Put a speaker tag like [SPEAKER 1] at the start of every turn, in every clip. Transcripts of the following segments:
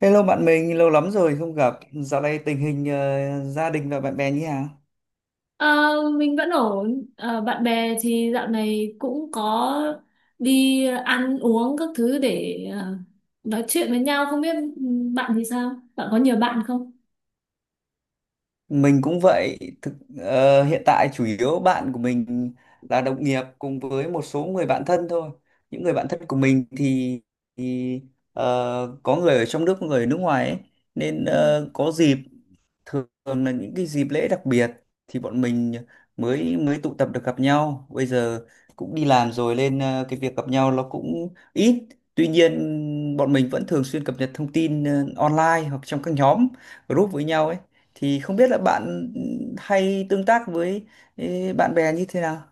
[SPEAKER 1] Hello bạn mình, lâu lắm rồi không gặp. Dạo này tình hình gia đình và bạn bè như thế nào?
[SPEAKER 2] Ờ, mình vẫn ổn. Ờ, Bạn bè thì dạo này cũng có đi ăn uống các thứ để nói chuyện với nhau. Không biết bạn thì sao? Bạn có nhiều bạn không?
[SPEAKER 1] Mình cũng vậy. Hiện tại chủ yếu bạn của mình là đồng nghiệp cùng với một số người bạn thân thôi. Những người bạn thân của mình thì có người ở trong nước, có người ở nước ngoài ấy. Nên có dịp, thường là những cái dịp lễ đặc biệt thì bọn mình mới mới tụ tập được gặp nhau. Bây giờ cũng đi làm rồi nên cái việc gặp nhau nó cũng ít. Tuy nhiên bọn mình vẫn thường xuyên cập nhật thông tin online hoặc trong các nhóm group với nhau ấy. Thì không biết là bạn hay tương tác với bạn bè như thế nào?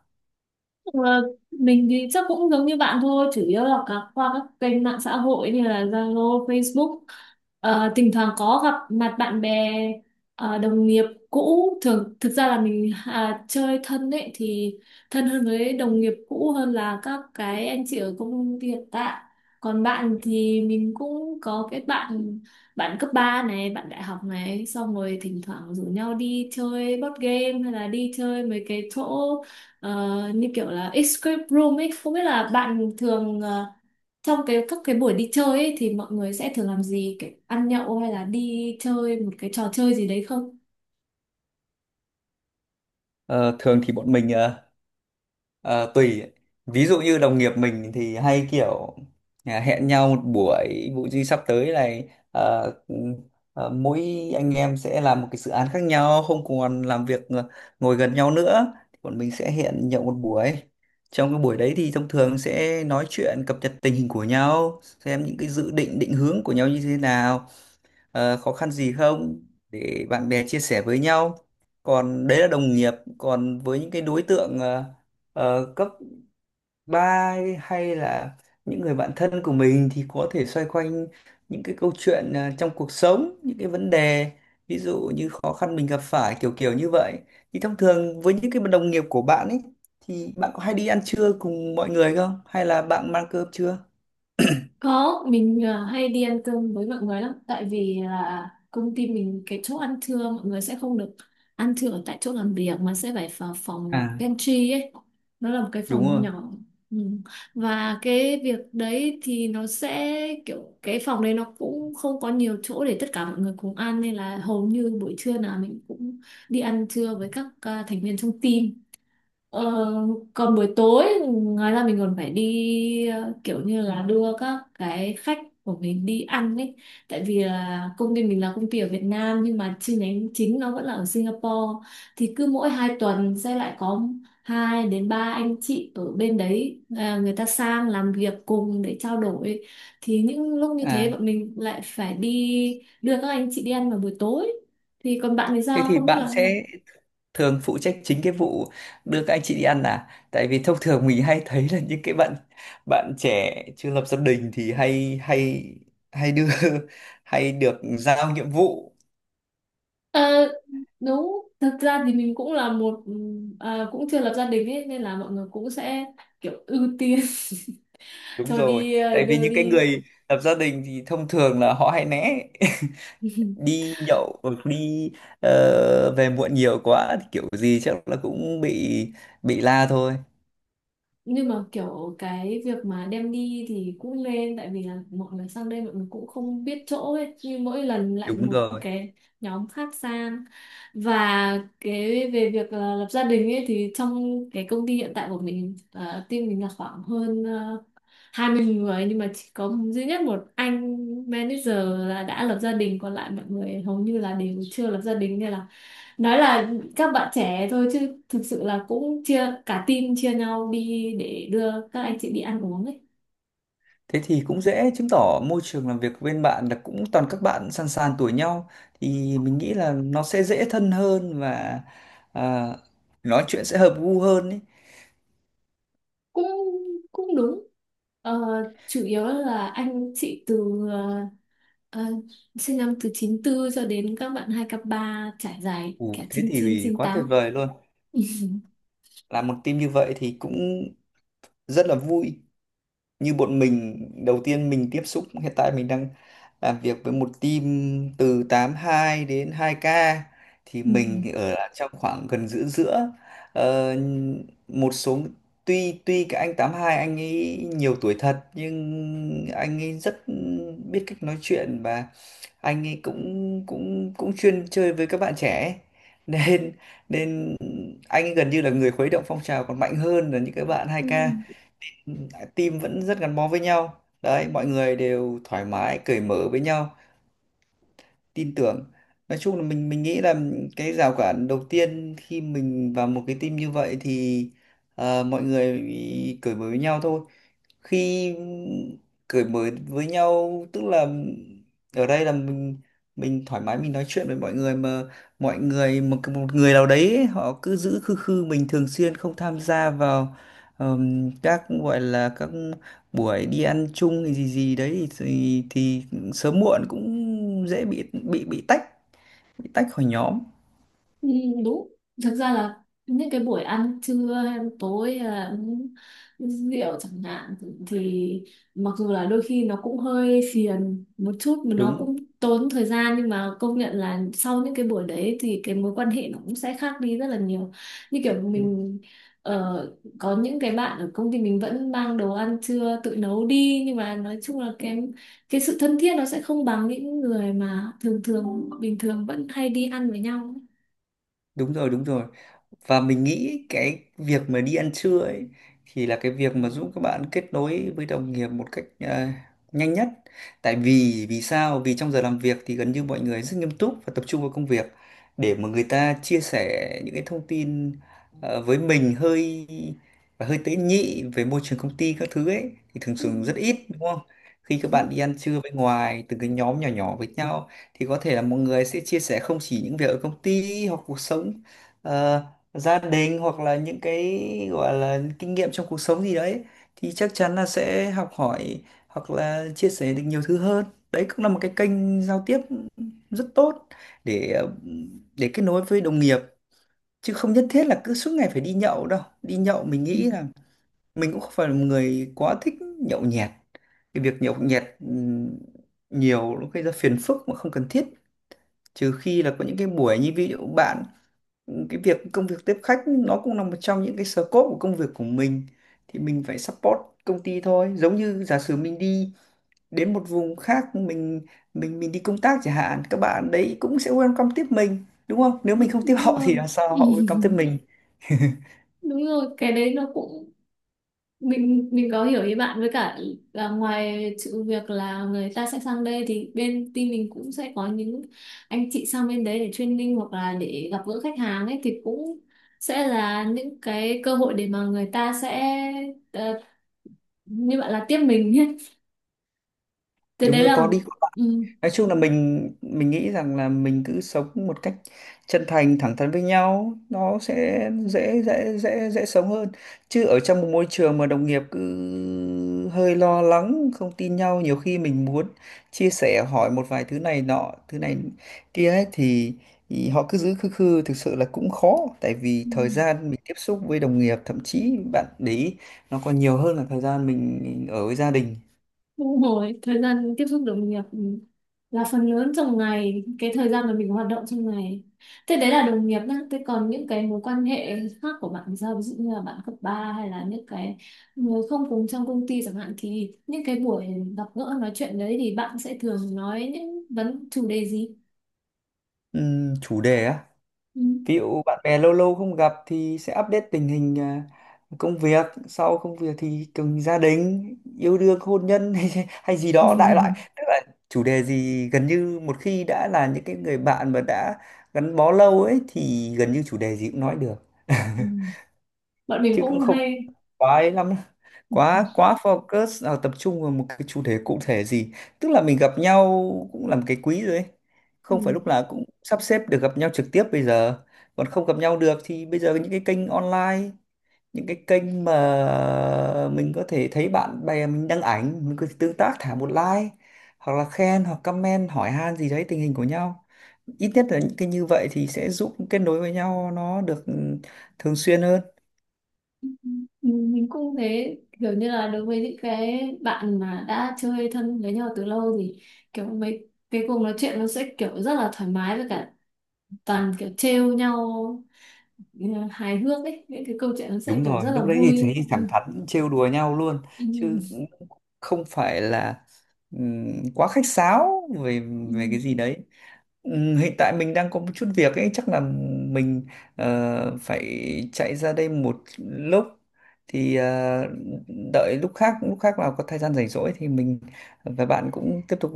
[SPEAKER 2] Ờ, mình thì chắc cũng giống như bạn thôi, chủ yếu là qua các kênh mạng xã hội như là Zalo, Facebook. Thỉnh thoảng có gặp mặt bạn bè, đồng nghiệp cũ. Thường thực ra là mình chơi thân ấy thì thân hơn với đồng nghiệp cũ hơn là các cái anh chị ở công ty hiện tại. Còn bạn thì mình cũng có cái bạn bạn cấp 3 này, bạn đại học này, xong rồi thỉnh thoảng rủ nhau đi chơi board game hay là đi chơi mấy cái chỗ như kiểu là escape room ấy. Không biết là bạn thường trong các cái buổi đi chơi ấy thì mọi người sẽ thường làm gì, kiểu ăn nhậu hay là đi chơi một cái trò chơi gì đấy không?
[SPEAKER 1] Ờ, Thường thì bọn mình Ờ, tùy. Ví dụ như đồng nghiệp mình thì hay kiểu hẹn nhau một buổi, vụ gì sắp tới này, mỗi anh em sẽ làm một cái dự án khác nhau, không còn làm việc ngồi gần nhau nữa. Bọn mình sẽ hẹn nhậu một buổi. Trong cái buổi đấy thì thông thường sẽ nói chuyện cập nhật tình hình của nhau, xem những cái dự định, định hướng của nhau như thế nào, khó khăn gì không, để bạn bè chia sẻ với nhau. Còn đấy là đồng nghiệp, còn với những cái đối tượng cấp 3 hay là những người bạn thân của mình thì có thể xoay quanh những cái câu chuyện trong cuộc sống, những cái vấn đề ví dụ như khó khăn mình gặp phải, kiểu kiểu như vậy. Thì thông thường với những cái đồng nghiệp của bạn ấy, thì bạn có hay đi ăn trưa cùng mọi người không, hay là bạn mang cơm chưa?
[SPEAKER 2] Có, mình hay đi ăn cơm với mọi người lắm, tại vì là công ty mình cái chỗ ăn trưa mọi người sẽ không được ăn trưa ở tại chỗ làm việc mà sẽ phải vào phòng
[SPEAKER 1] À.
[SPEAKER 2] pantry ấy, nó là một cái
[SPEAKER 1] Đúng
[SPEAKER 2] phòng
[SPEAKER 1] rồi.
[SPEAKER 2] nhỏ. Ừ. Và cái việc đấy thì nó sẽ kiểu cái phòng đấy nó cũng không có nhiều chỗ để tất cả mọi người cùng ăn, nên là hầu như buổi trưa nào mình cũng đi ăn trưa với các thành viên trong team. Ờ, Còn buổi tối, ngoài ra mình còn phải đi kiểu như là đưa các cái khách của mình đi ăn ấy, tại vì là công ty mình là công ty ở Việt Nam nhưng mà chi nhánh chính nó vẫn là ở Singapore. Thì cứ mỗi hai tuần sẽ lại có hai đến ba anh chị ở bên đấy người ta sang làm việc cùng để trao đổi. Thì những lúc như thế
[SPEAKER 1] À,
[SPEAKER 2] bọn mình lại phải đi đưa các anh chị đi ăn vào buổi tối. Thì còn bạn thì
[SPEAKER 1] thế
[SPEAKER 2] sao
[SPEAKER 1] thì
[SPEAKER 2] không biết
[SPEAKER 1] bạn
[SPEAKER 2] là.
[SPEAKER 1] sẽ thường phụ trách chính cái vụ đưa các anh chị đi ăn à? Tại vì thông thường mình hay thấy là những cái bạn bạn trẻ chưa lập gia đình thì hay hay hay đưa hay được giao nhiệm vụ.
[SPEAKER 2] Ờ, Đúng, thực ra thì mình cũng là một cũng chưa lập gia đình ấy nên là mọi người cũng sẽ kiểu ưu tiên
[SPEAKER 1] Đúng
[SPEAKER 2] cho
[SPEAKER 1] rồi.
[SPEAKER 2] đi
[SPEAKER 1] Tại vì
[SPEAKER 2] đưa
[SPEAKER 1] những cái
[SPEAKER 2] đi.
[SPEAKER 1] người lập gia đình thì thông thường là họ hay né đi nhậu, hoặc đi về muộn nhiều quá thì kiểu gì chắc là cũng bị la thôi.
[SPEAKER 2] Nhưng mà kiểu cái việc mà đem đi thì cũng nên, tại vì là mọi người sang đây mọi người cũng không biết chỗ ấy, như mỗi lần lại
[SPEAKER 1] Đúng
[SPEAKER 2] một
[SPEAKER 1] rồi.
[SPEAKER 2] cái nhóm khác sang. Và cái về việc là lập gia đình ấy thì trong cái công ty hiện tại của mình team mình là khoảng hơn 20 người nhưng mà chỉ có duy nhất một anh manager là đã lập gia đình, còn lại mọi người hầu như là đều chưa lập gia đình, nên là nói là các bạn trẻ thôi chứ thực sự là cũng chia cả team, chia nhau đi để đưa các anh chị đi ăn uống ấy.
[SPEAKER 1] Thế thì cũng dễ chứng tỏ môi trường làm việc bên bạn là cũng toàn các bạn sàn sàn tuổi nhau, thì mình nghĩ là nó sẽ dễ thân hơn và à, nói chuyện sẽ hợp gu hơn ấy.
[SPEAKER 2] Cũng cũng đúng, ờ, chủ yếu là anh chị từ ờ, sinh năm từ 94 cho đến các bạn 2k3, trải dài
[SPEAKER 1] Ồ,
[SPEAKER 2] cả
[SPEAKER 1] thế thì quá tuyệt
[SPEAKER 2] 98.
[SPEAKER 1] vời luôn. Làm một team như vậy thì cũng rất là vui. Như bọn mình đầu tiên mình tiếp xúc, hiện tại mình đang làm việc với một team từ 82 đến 2K, thì
[SPEAKER 2] Ừ.
[SPEAKER 1] mình ở trong khoảng gần giữa giữa. Ờ, một số tuy tuy cái anh 82, anh ấy nhiều tuổi thật nhưng anh ấy rất biết cách nói chuyện, và anh ấy cũng cũng cũng chuyên chơi với các bạn trẻ ấy. Nên nên anh ấy gần như là người khuấy động phong trào còn mạnh hơn là những cái bạn hai
[SPEAKER 2] Ừ.
[SPEAKER 1] k Team vẫn rất gắn bó với nhau đấy, mọi người đều thoải mái cởi mở với nhau, tin tưởng. Nói chung là mình nghĩ là cái rào cản đầu tiên khi mình vào một cái team như vậy thì mọi người cởi mở với nhau thôi. Khi cởi mở với nhau tức là ở đây là mình thoải mái, mình nói chuyện với mọi người, mà mọi người một một người nào đấy ấy, họ cứ giữ khư khư, mình thường xuyên không tham gia vào các gọi là các buổi đi ăn chung thì gì gì đấy thì sớm muộn cũng dễ bị tách khỏi nhóm.
[SPEAKER 2] Ừ, đúng. Thực ra là những cái buổi ăn trưa hay tối hay là uống rượu chẳng hạn thì mặc dù là đôi khi nó cũng hơi phiền một chút mà nó
[SPEAKER 1] đúng
[SPEAKER 2] cũng tốn thời gian, nhưng mà công nhận là sau những cái buổi đấy thì cái mối quan hệ nó cũng sẽ khác đi rất là nhiều. Như kiểu mình có những cái bạn ở công ty mình vẫn mang đồ ăn trưa tự nấu đi nhưng mà nói chung là cái sự thân thiết nó sẽ không bằng những người mà thường thường bình thường vẫn hay đi ăn với nhau.
[SPEAKER 1] đúng rồi đúng rồi. Và mình nghĩ cái việc mà đi ăn trưa ấy thì là cái việc mà giúp các bạn kết nối với đồng nghiệp một cách nhanh nhất. Tại vì vì sao? Vì trong giờ làm việc thì gần như mọi người rất nghiêm túc và tập trung vào công việc, để mà người ta chia sẻ những cái thông tin ờ, với mình hơi và hơi tế nhị về môi trường công ty các thứ ấy thì thường
[SPEAKER 2] Ừ.
[SPEAKER 1] thường rất ít, đúng không? Khi các bạn đi ăn trưa bên ngoài từng cái nhóm nhỏ nhỏ với nhau thì có thể là mọi người sẽ chia sẻ không chỉ những việc ở công ty, hoặc cuộc sống ờ, gia đình, hoặc là những cái gọi là kinh nghiệm trong cuộc sống gì đấy, thì chắc chắn là sẽ học hỏi hoặc là chia sẻ được nhiều thứ hơn. Đấy cũng là một cái kênh giao tiếp rất tốt để để kết nối với đồng nghiệp. Chứ không nhất thiết là cứ suốt ngày phải đi nhậu đâu. Đi nhậu, mình
[SPEAKER 2] Ừ.
[SPEAKER 1] nghĩ là mình cũng không phải là một người quá thích nhậu nhẹt. Cái việc nhậu nhẹt nhiều nó gây ra phiền phức mà không cần thiết. Trừ khi là có những cái buổi như ví dụ bạn, cái việc công việc tiếp khách nó cũng là một trong những cái scope của công việc của mình, thì mình phải support công ty thôi. Giống như giả sử mình đi đến một vùng khác, mình đi công tác chẳng hạn, các bạn đấy cũng sẽ welcome tiếp mình đúng không? Nếu mình không tiếp
[SPEAKER 2] Đúng
[SPEAKER 1] họ thì
[SPEAKER 2] rồi.
[SPEAKER 1] làm sao họ welcome tiếp mình?
[SPEAKER 2] Đúng rồi, cái đấy nó cũng mình có hiểu ý bạn, với cả là ngoài sự việc là người ta sẽ sang đây thì bên team mình cũng sẽ có những anh chị sang bên đấy để training hoặc là để gặp gỡ khách hàng ấy, thì cũng sẽ là những cái cơ hội để mà người ta sẽ ờ, như bạn là tiếp mình nhé. Thế
[SPEAKER 1] Đúng
[SPEAKER 2] đấy
[SPEAKER 1] rồi, có
[SPEAKER 2] là.
[SPEAKER 1] đi.
[SPEAKER 2] Ừ.
[SPEAKER 1] Nói chung là mình nghĩ rằng là mình cứ sống một cách chân thành thẳng thắn với nhau, nó sẽ dễ dễ dễ dễ sống hơn. Chứ ở trong một môi trường mà đồng nghiệp cứ hơi lo lắng, không tin nhau, nhiều khi mình muốn chia sẻ hỏi một vài thứ này nọ thứ này kia ấy, thì họ cứ giữ khư khư, thực sự là cũng khó. Tại vì
[SPEAKER 2] Ừ.
[SPEAKER 1] thời gian mình tiếp xúc với đồng nghiệp, thậm chí bạn để ý, nó còn nhiều hơn là thời gian mình ở với gia đình.
[SPEAKER 2] Đúng rồi, thời gian tiếp xúc đồng nghiệp là phần lớn trong ngày, cái thời gian mà mình hoạt động trong ngày. Thế đấy là đồng nghiệp nhá, thế còn những cái mối quan hệ khác của bạn thì sao? Ví dụ như là bạn cấp 3 hay là những cái người không cùng trong công ty chẳng hạn thì những cái buổi gặp gỡ nói chuyện đấy thì bạn sẽ thường nói những chủ đề gì?
[SPEAKER 1] Chủ đề á?
[SPEAKER 2] Ừ.
[SPEAKER 1] Ví dụ bạn bè lâu lâu không gặp thì sẽ update tình hình, công việc. Sau công việc thì cùng gia đình, yêu đương hôn nhân hay, hay gì đó đại loại. Tức là chủ đề gì, gần như một khi đã là những cái người bạn mà đã gắn bó lâu ấy thì gần như chủ đề gì cũng nói được.
[SPEAKER 2] Ừ. Bọn mình
[SPEAKER 1] Chứ cũng
[SPEAKER 2] cũng
[SPEAKER 1] không
[SPEAKER 2] hay.
[SPEAKER 1] quá ấy lắm, quá quá focus vào, tập trung vào một cái chủ đề cụ thể gì. Tức là mình gặp nhau cũng làm cái quý rồi ấy, không phải
[SPEAKER 2] Ừ.
[SPEAKER 1] lúc nào cũng sắp xếp được gặp nhau trực tiếp. Bây giờ còn không gặp nhau được thì bây giờ những cái kênh online, những cái kênh mà mình có thể thấy bạn bè mình đăng ảnh, mình có thể tương tác, thả một like, hoặc là khen, hoặc comment hỏi han gì đấy tình hình của nhau, ít nhất là những cái như vậy thì sẽ giúp kết nối với nhau nó được thường xuyên hơn.
[SPEAKER 2] Ừ, mình cũng thế, kiểu như là đối với những cái bạn mà đã chơi thân với nhau từ lâu thì kiểu mấy cái cuộc nói chuyện nó sẽ kiểu rất là thoải mái, với cả toàn kiểu trêu nhau hài hước ấy, những cái câu chuyện nó sẽ
[SPEAKER 1] Đúng
[SPEAKER 2] kiểu
[SPEAKER 1] rồi,
[SPEAKER 2] rất là
[SPEAKER 1] lúc đấy thì
[SPEAKER 2] vui.
[SPEAKER 1] thì thẳng
[SPEAKER 2] Ừ.
[SPEAKER 1] thắn trêu đùa nhau luôn.
[SPEAKER 2] Ừ.
[SPEAKER 1] Chứ không phải là ừm, quá khách sáo về
[SPEAKER 2] Ừ.
[SPEAKER 1] về cái gì đấy. Hiện tại mình đang có một chút việc ấy, chắc là mình phải chạy ra đây một lúc. Thì đợi lúc khác nào có thời gian rảnh rỗi thì mình và bạn cũng tiếp tục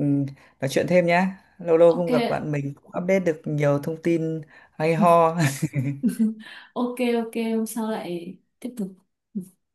[SPEAKER 1] nói chuyện thêm nhá. Lâu lâu
[SPEAKER 2] Ok.
[SPEAKER 1] không gặp bạn mình cũng update được nhiều thông tin hay ho.
[SPEAKER 2] Ok. Ok hôm sau lại tiếp tục. Ừ.